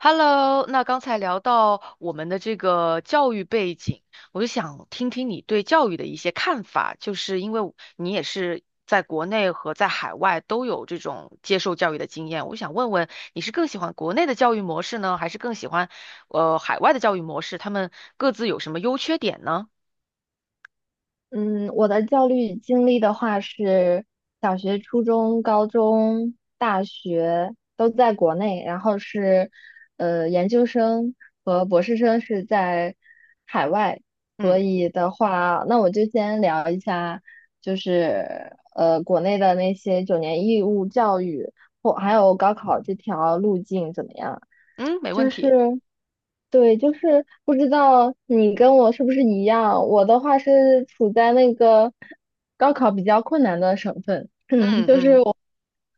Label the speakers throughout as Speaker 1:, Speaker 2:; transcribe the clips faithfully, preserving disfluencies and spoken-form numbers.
Speaker 1: Hello，那刚才聊到我们的这个教育背景，我就想听听你对教育的一些看法，就是因为我你也是在国内和在海外都有这种接受教育的经验，我想问问你是更喜欢国内的教育模式呢，还是更喜欢呃海外的教育模式？他们各自有什么优缺点呢？
Speaker 2: 嗯，我的教育经历的话是小学、初中、高中、大学都在国内，然后是呃研究生和博士生是在海外，所
Speaker 1: 嗯
Speaker 2: 以的话，那我就先聊一下，就是呃国内的那些九年义务教育或还有高考这条路径怎么样？
Speaker 1: 嗯，没问
Speaker 2: 就
Speaker 1: 题。
Speaker 2: 是对，就是不知道你跟我是不是一样。我的话是处在那个高考比较困难的省份，嗯，
Speaker 1: 嗯
Speaker 2: 就是
Speaker 1: 嗯
Speaker 2: 我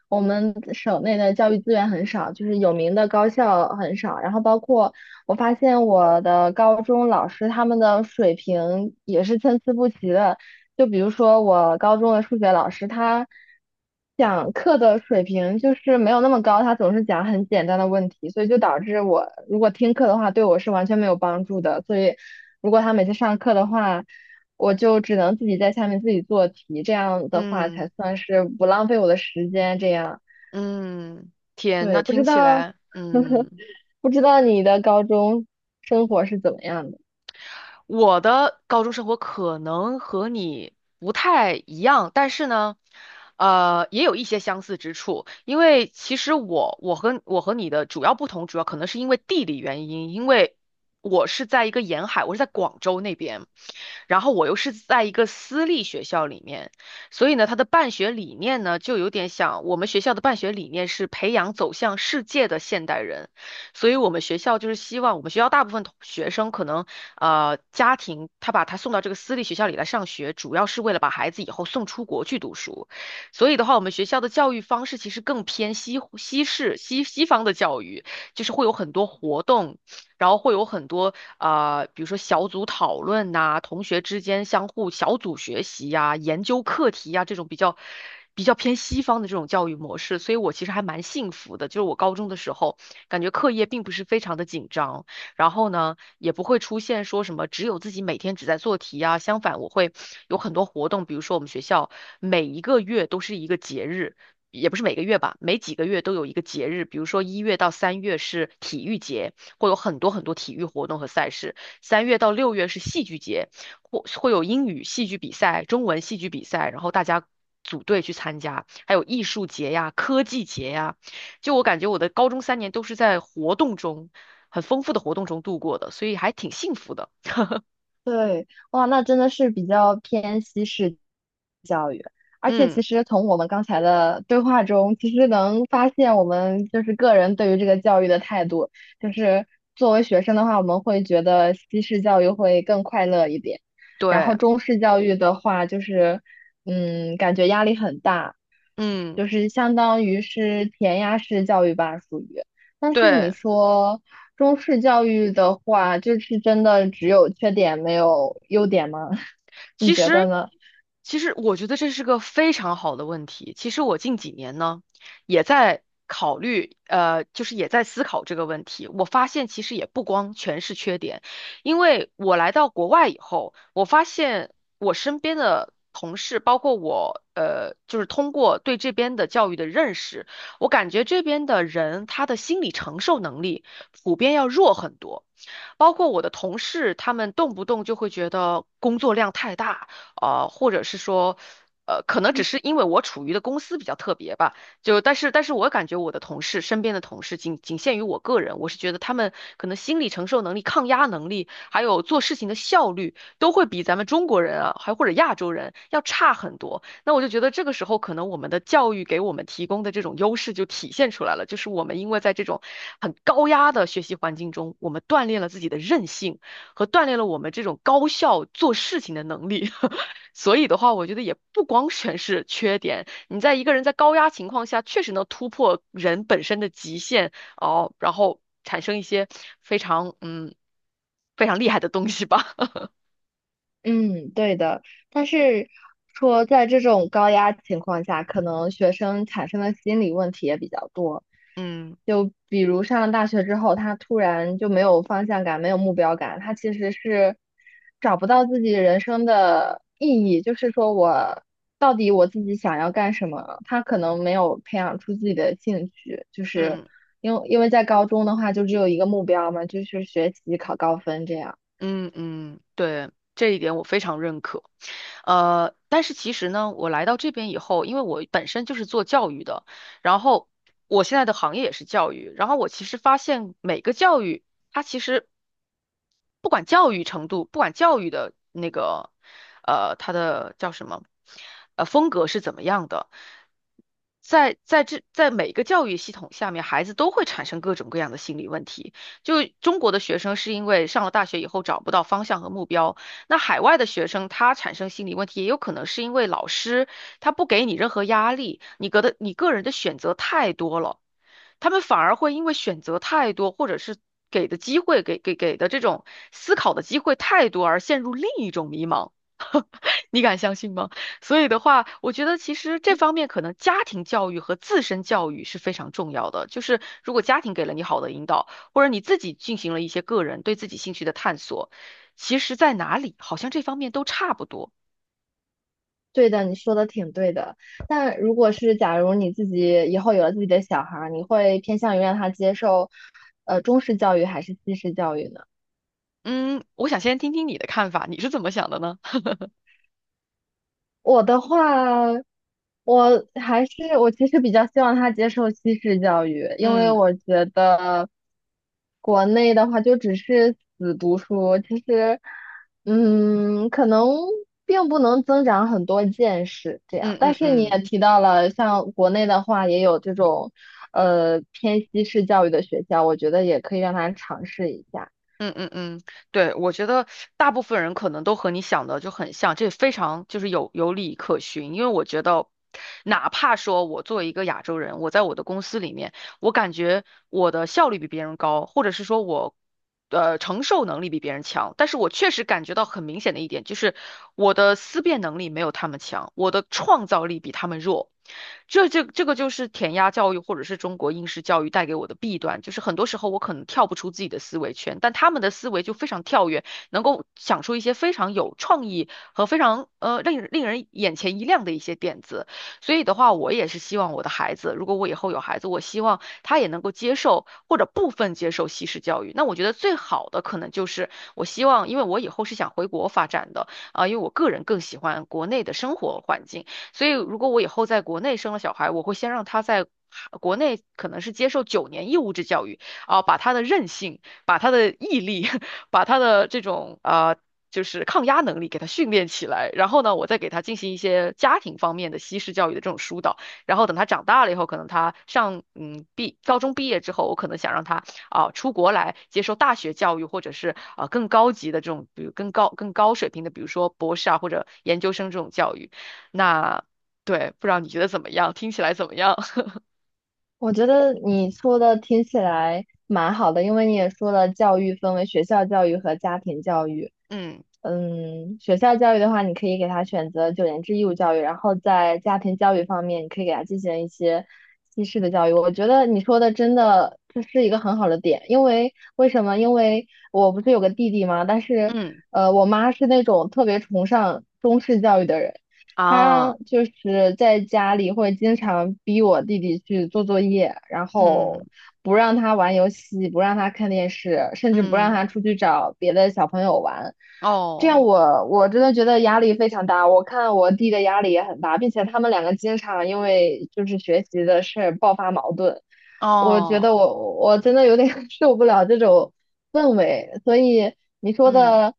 Speaker 2: 我们省内的教育资源很少，就是有名的高校很少。然后包括我发现我的高中老师他们的水平也是参差不齐的，就比如说我高中的数学老师，他讲课的水平就是没有那么高，他总是讲很简单的问题，所以就导致我如果听课的话，对我是完全没有帮助的。所以如果他每次上课的话，我就只能自己在下面自己做题，这样的话
Speaker 1: 嗯
Speaker 2: 才算是不浪费我的时间。这样，
Speaker 1: 嗯，天，那
Speaker 2: 对，不
Speaker 1: 听
Speaker 2: 知
Speaker 1: 起
Speaker 2: 道
Speaker 1: 来嗯。
Speaker 2: 不知道你的高中生活是怎么样的？
Speaker 1: 我的高中生活可能和你不太一样，但是呢，呃，也有一些相似之处。因为其实我我和我和你的主要不同，主要可能是因为地理原因，因为我是在一个沿海，我是在广州那边，然后我又是在一个私立学校里面，所以呢，它的办学理念呢，就有点像我们学校的办学理念是培养走向世界的现代人。所以我们学校就是希望我们学校大部分同学生可能呃家庭他把他送到这个私立学校里来上学，主要是为了把孩子以后送出国去读书。所以的话，我们学校的教育方式其实更偏西西式西西方的教育，就是会有很多活动，然后会有很多呃，比如说小组讨论呐、同学之间相互小组学习呀、研究课题呀、这种比较比较偏西方的这种教育模式。所以我其实还蛮幸福的，就是我高中的时候。感觉课业并不是非常的紧张，然后呢，也不会出现说什么只有自己每天只在做题啊，相反我会有很多活动，比如说我们学校每一个月都是一个节日。也不是每个月吧，每几个月都有一个节日，比如说一月到三月是体育节，会有很多很多体育活动和赛事；三月到六月是戏剧节，或会有英语戏剧比赛、中文戏剧比赛，然后大家组队去参加，还有艺术节呀、科技节呀、就我感觉我的高中三年都是在活动中，很丰富的活动中度过的，所以还挺幸福的。
Speaker 2: 对，哇，那真的是比较偏西式教育，而且
Speaker 1: 嗯，
Speaker 2: 其实从我们刚才的对话中，其实能发现我们就是个人对于这个教育的态度，就是作为学生的话，我们会觉得西式教育会更快乐一点，然后
Speaker 1: 对，
Speaker 2: 中式教育的话，就是嗯，感觉压力很大，
Speaker 1: 嗯，
Speaker 2: 就是相当于是填鸭式教育吧，属于。但是你
Speaker 1: 对。
Speaker 2: 说。中式教育的话，就是真的只有缺点没有优点吗？你
Speaker 1: 其
Speaker 2: 觉得
Speaker 1: 实，
Speaker 2: 呢？
Speaker 1: 其实我觉得这是个非常好的问题。其实我近几年呢，也在考虑，呃，就是也在思考这个问题。我发现其实也不光全是缺点，因为我来到国外以后，我发现我身边的同事，包括我，呃，就是通过对这边的教育的认识，我感觉这边的人他的心理承受能力。普遍要弱很多。包括我的同事，他们动不动就会觉得工作量太大，呃，或者是说，呃，可能只是因为我处于的公司比较特别吧，就但是但是我感觉我的同事身边的同事仅仅限于我个人，我是觉得他们可能心理承受能力、抗压能力，还有做事情的效率，都会比咱们中国人啊，还或者亚洲人要差很多。那我就觉得这个时候，可能我们的教育给我们提供的这种优势就体现出来了，就是我们因为在这种很高压的学习环境中，我们锻炼了自己的韧性和锻炼了我们这种高效做事情的能力。所以的话，我觉得也不光全是缺点，你在一个人在高压情况下，确实能突破人本身的极限哦，然后产生一些非常嗯非常厉害的东西吧。
Speaker 2: 嗯，对的。但是说，在这种高压情况下，可能学生产生的心理问题也比较多。
Speaker 1: 嗯
Speaker 2: 就比如上了大学之后，他突然就没有方向感，没有目标感，他其实是找不到自己人生的意义。就是说我到底我自己想要干什么？他可能没有培养出自己的兴趣，就是
Speaker 1: 嗯。
Speaker 2: 因为因为在高中的话，就只有一个目标嘛，就是学习考高分这样。
Speaker 1: 嗯嗯，对，这一点我非常认可。呃，但是其实呢，我来到这边以后，因为我本身就是做教育的，然后我现在的行业也是教育，然后我其实发现每个教育，它其实不管教育程度，不管教育的那个，呃，它的叫什么，呃，风格是怎么样的，在在这在每个教育系统下面，孩子都会产生各种各样的心理问题。就中国的学生是因为上了大学以后找不到方向和目标，那海外的学生他产生心理问题，也有可能是因为老师他不给你任何压力，你个的你个人的选择太多了，他们反而会因为选择太多，或者是给的机会给给给的这种思考的机会太多而陷入另一种迷茫。你敢相信吗？所以的话，我觉得其实这方面可能家庭教育和自身教育是非常重要的。就是如果家庭给了你好的引导，或者你自己进行了一些个人对自己兴趣的探索，其实在哪里好像这方面都差不多。
Speaker 2: 对的，你说的挺对的。但如果是假如你自己以后有了自己的小孩儿，你会偏向于让他接受，呃，中式教育还是西式教育呢？
Speaker 1: 嗯，我想先听听你的看法，你是怎么想的呢？
Speaker 2: 我的话，我还是我其实比较希望他接受西式教育，因为
Speaker 1: 嗯
Speaker 2: 我觉得国内的话就只是死读书，其实，嗯，可能并不能增长很多见识这样。
Speaker 1: 嗯
Speaker 2: 但
Speaker 1: 嗯
Speaker 2: 是你
Speaker 1: 嗯。
Speaker 2: 也提到了，像国内的话也有这种呃偏西式教育的学校，我觉得也可以让他尝试一下。
Speaker 1: 嗯嗯嗯，对，我觉得大部分人可能都和你想的就很像，这非常就是有有理可循。因为我觉得，哪怕说我作为一个亚洲人，我在我的公司里面，我感觉我的效率比别人高，或者是说我，呃，承受能力比别人强。但是我确实感觉到很明显的一点就是，我的思辨能力没有他们强，我的创造力比他们弱。这这这个就是填鸭教育或者是中国应试教育带给我的弊端，就是很多时候我可能跳不出自己的思维圈，但他们的思维就非常跳跃，能够想出一些非常有创意和非常呃令令人眼前一亮的一些点子。所以的话，我也是希望我的孩子，如果我以后有孩子，我希望。他也能够接受或者部分接受西式教育。那我觉得最好的可能就是我希望，因为我以后是想回国发展的啊，因为我个人更喜欢国内的生活环境，所以如果我以后在国内生了小孩，我会先让他在。国内可能是接受九年义务制教育啊，把他的韧性、把他的毅力、把他的这种啊、就是抗压能力给他训练起来，然后呢，我再给他进行一些家庭方面的西式教育的这种疏导。然后等他长大了以后，可能他上嗯毕高中毕业之后，我可能想让他啊、呃出国来接受大学教育，或者是啊、呃更高级的这种，比如更高更高水平的，比如说博士啊或者研究生这种教育。那对，不知道你觉得怎么样？听起来怎么样？
Speaker 2: 我觉得你说的听起来蛮好的，因为你也说了，教育分为学校教育和家庭教育。
Speaker 1: 嗯
Speaker 2: 嗯，学校教育的话，你可以给他选择九年制义务教育，然后在家庭教育方面，你可以给他进行一些西式的教育。我觉得你说的真的这是一个很好的点，因为为什么？因为我不是有个弟弟嘛，但是
Speaker 1: 嗯
Speaker 2: 呃，我妈是那种特别崇尚中式教育的人。他
Speaker 1: 啊
Speaker 2: 就是在家里会经常逼我弟弟去做作业，然
Speaker 1: 嗯
Speaker 2: 后不让他玩游戏，不让他看电视，甚至不让
Speaker 1: 嗯
Speaker 2: 他出去找别的小朋友玩。这样
Speaker 1: 哦
Speaker 2: 我我真的觉得压力非常大，我看我弟的压力也很大，并且他们两个经常因为就是学习的事儿爆发矛盾。我觉
Speaker 1: 哦
Speaker 2: 得我我真的有点 受不了这种氛围，所以你说
Speaker 1: 嗯。
Speaker 2: 的，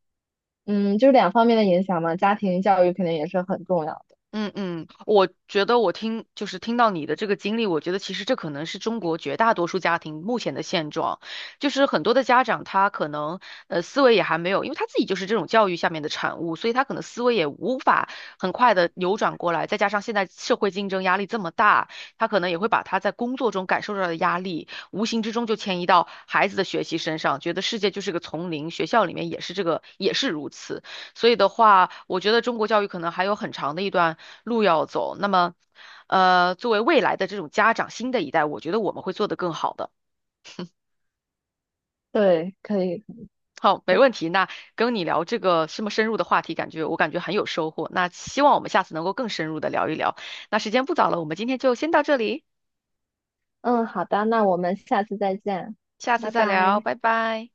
Speaker 2: 嗯，就是两方面的影响嘛，家庭教育肯定也是很重要。
Speaker 1: 嗯嗯，我觉得我听就是听到你的这个经历，我觉得其实这可能是中国绝大多数家庭目前的现状，就是很多的家长他可能呃思维也还没有，因为他自己就是这种教育下面的产物，所以他可能思维也无法很快的扭转过来，再加上现在社会竞争压力这么大，他可能也会把他在工作中感受到的压力，无形之中就迁移到孩子的学习身上，觉得世界就是个丛林，学校里面也是这个，也是如此。所以的话，我觉得中国教育可能还有很长的一段路要走。那么，呃，作为未来的这种家长，新的一代，我觉得我们会做得更好的。
Speaker 2: 对，可以，
Speaker 1: 好，没问题。那跟你聊这个这么深入的话题，感觉我感觉很有收获。那希望我们下次能够更深入的聊一聊。那时间不早了，我们今天就先到这里，
Speaker 2: 嗯，好的，那我们下次再见，
Speaker 1: 下次
Speaker 2: 拜
Speaker 1: 再聊，
Speaker 2: 拜。
Speaker 1: 拜拜。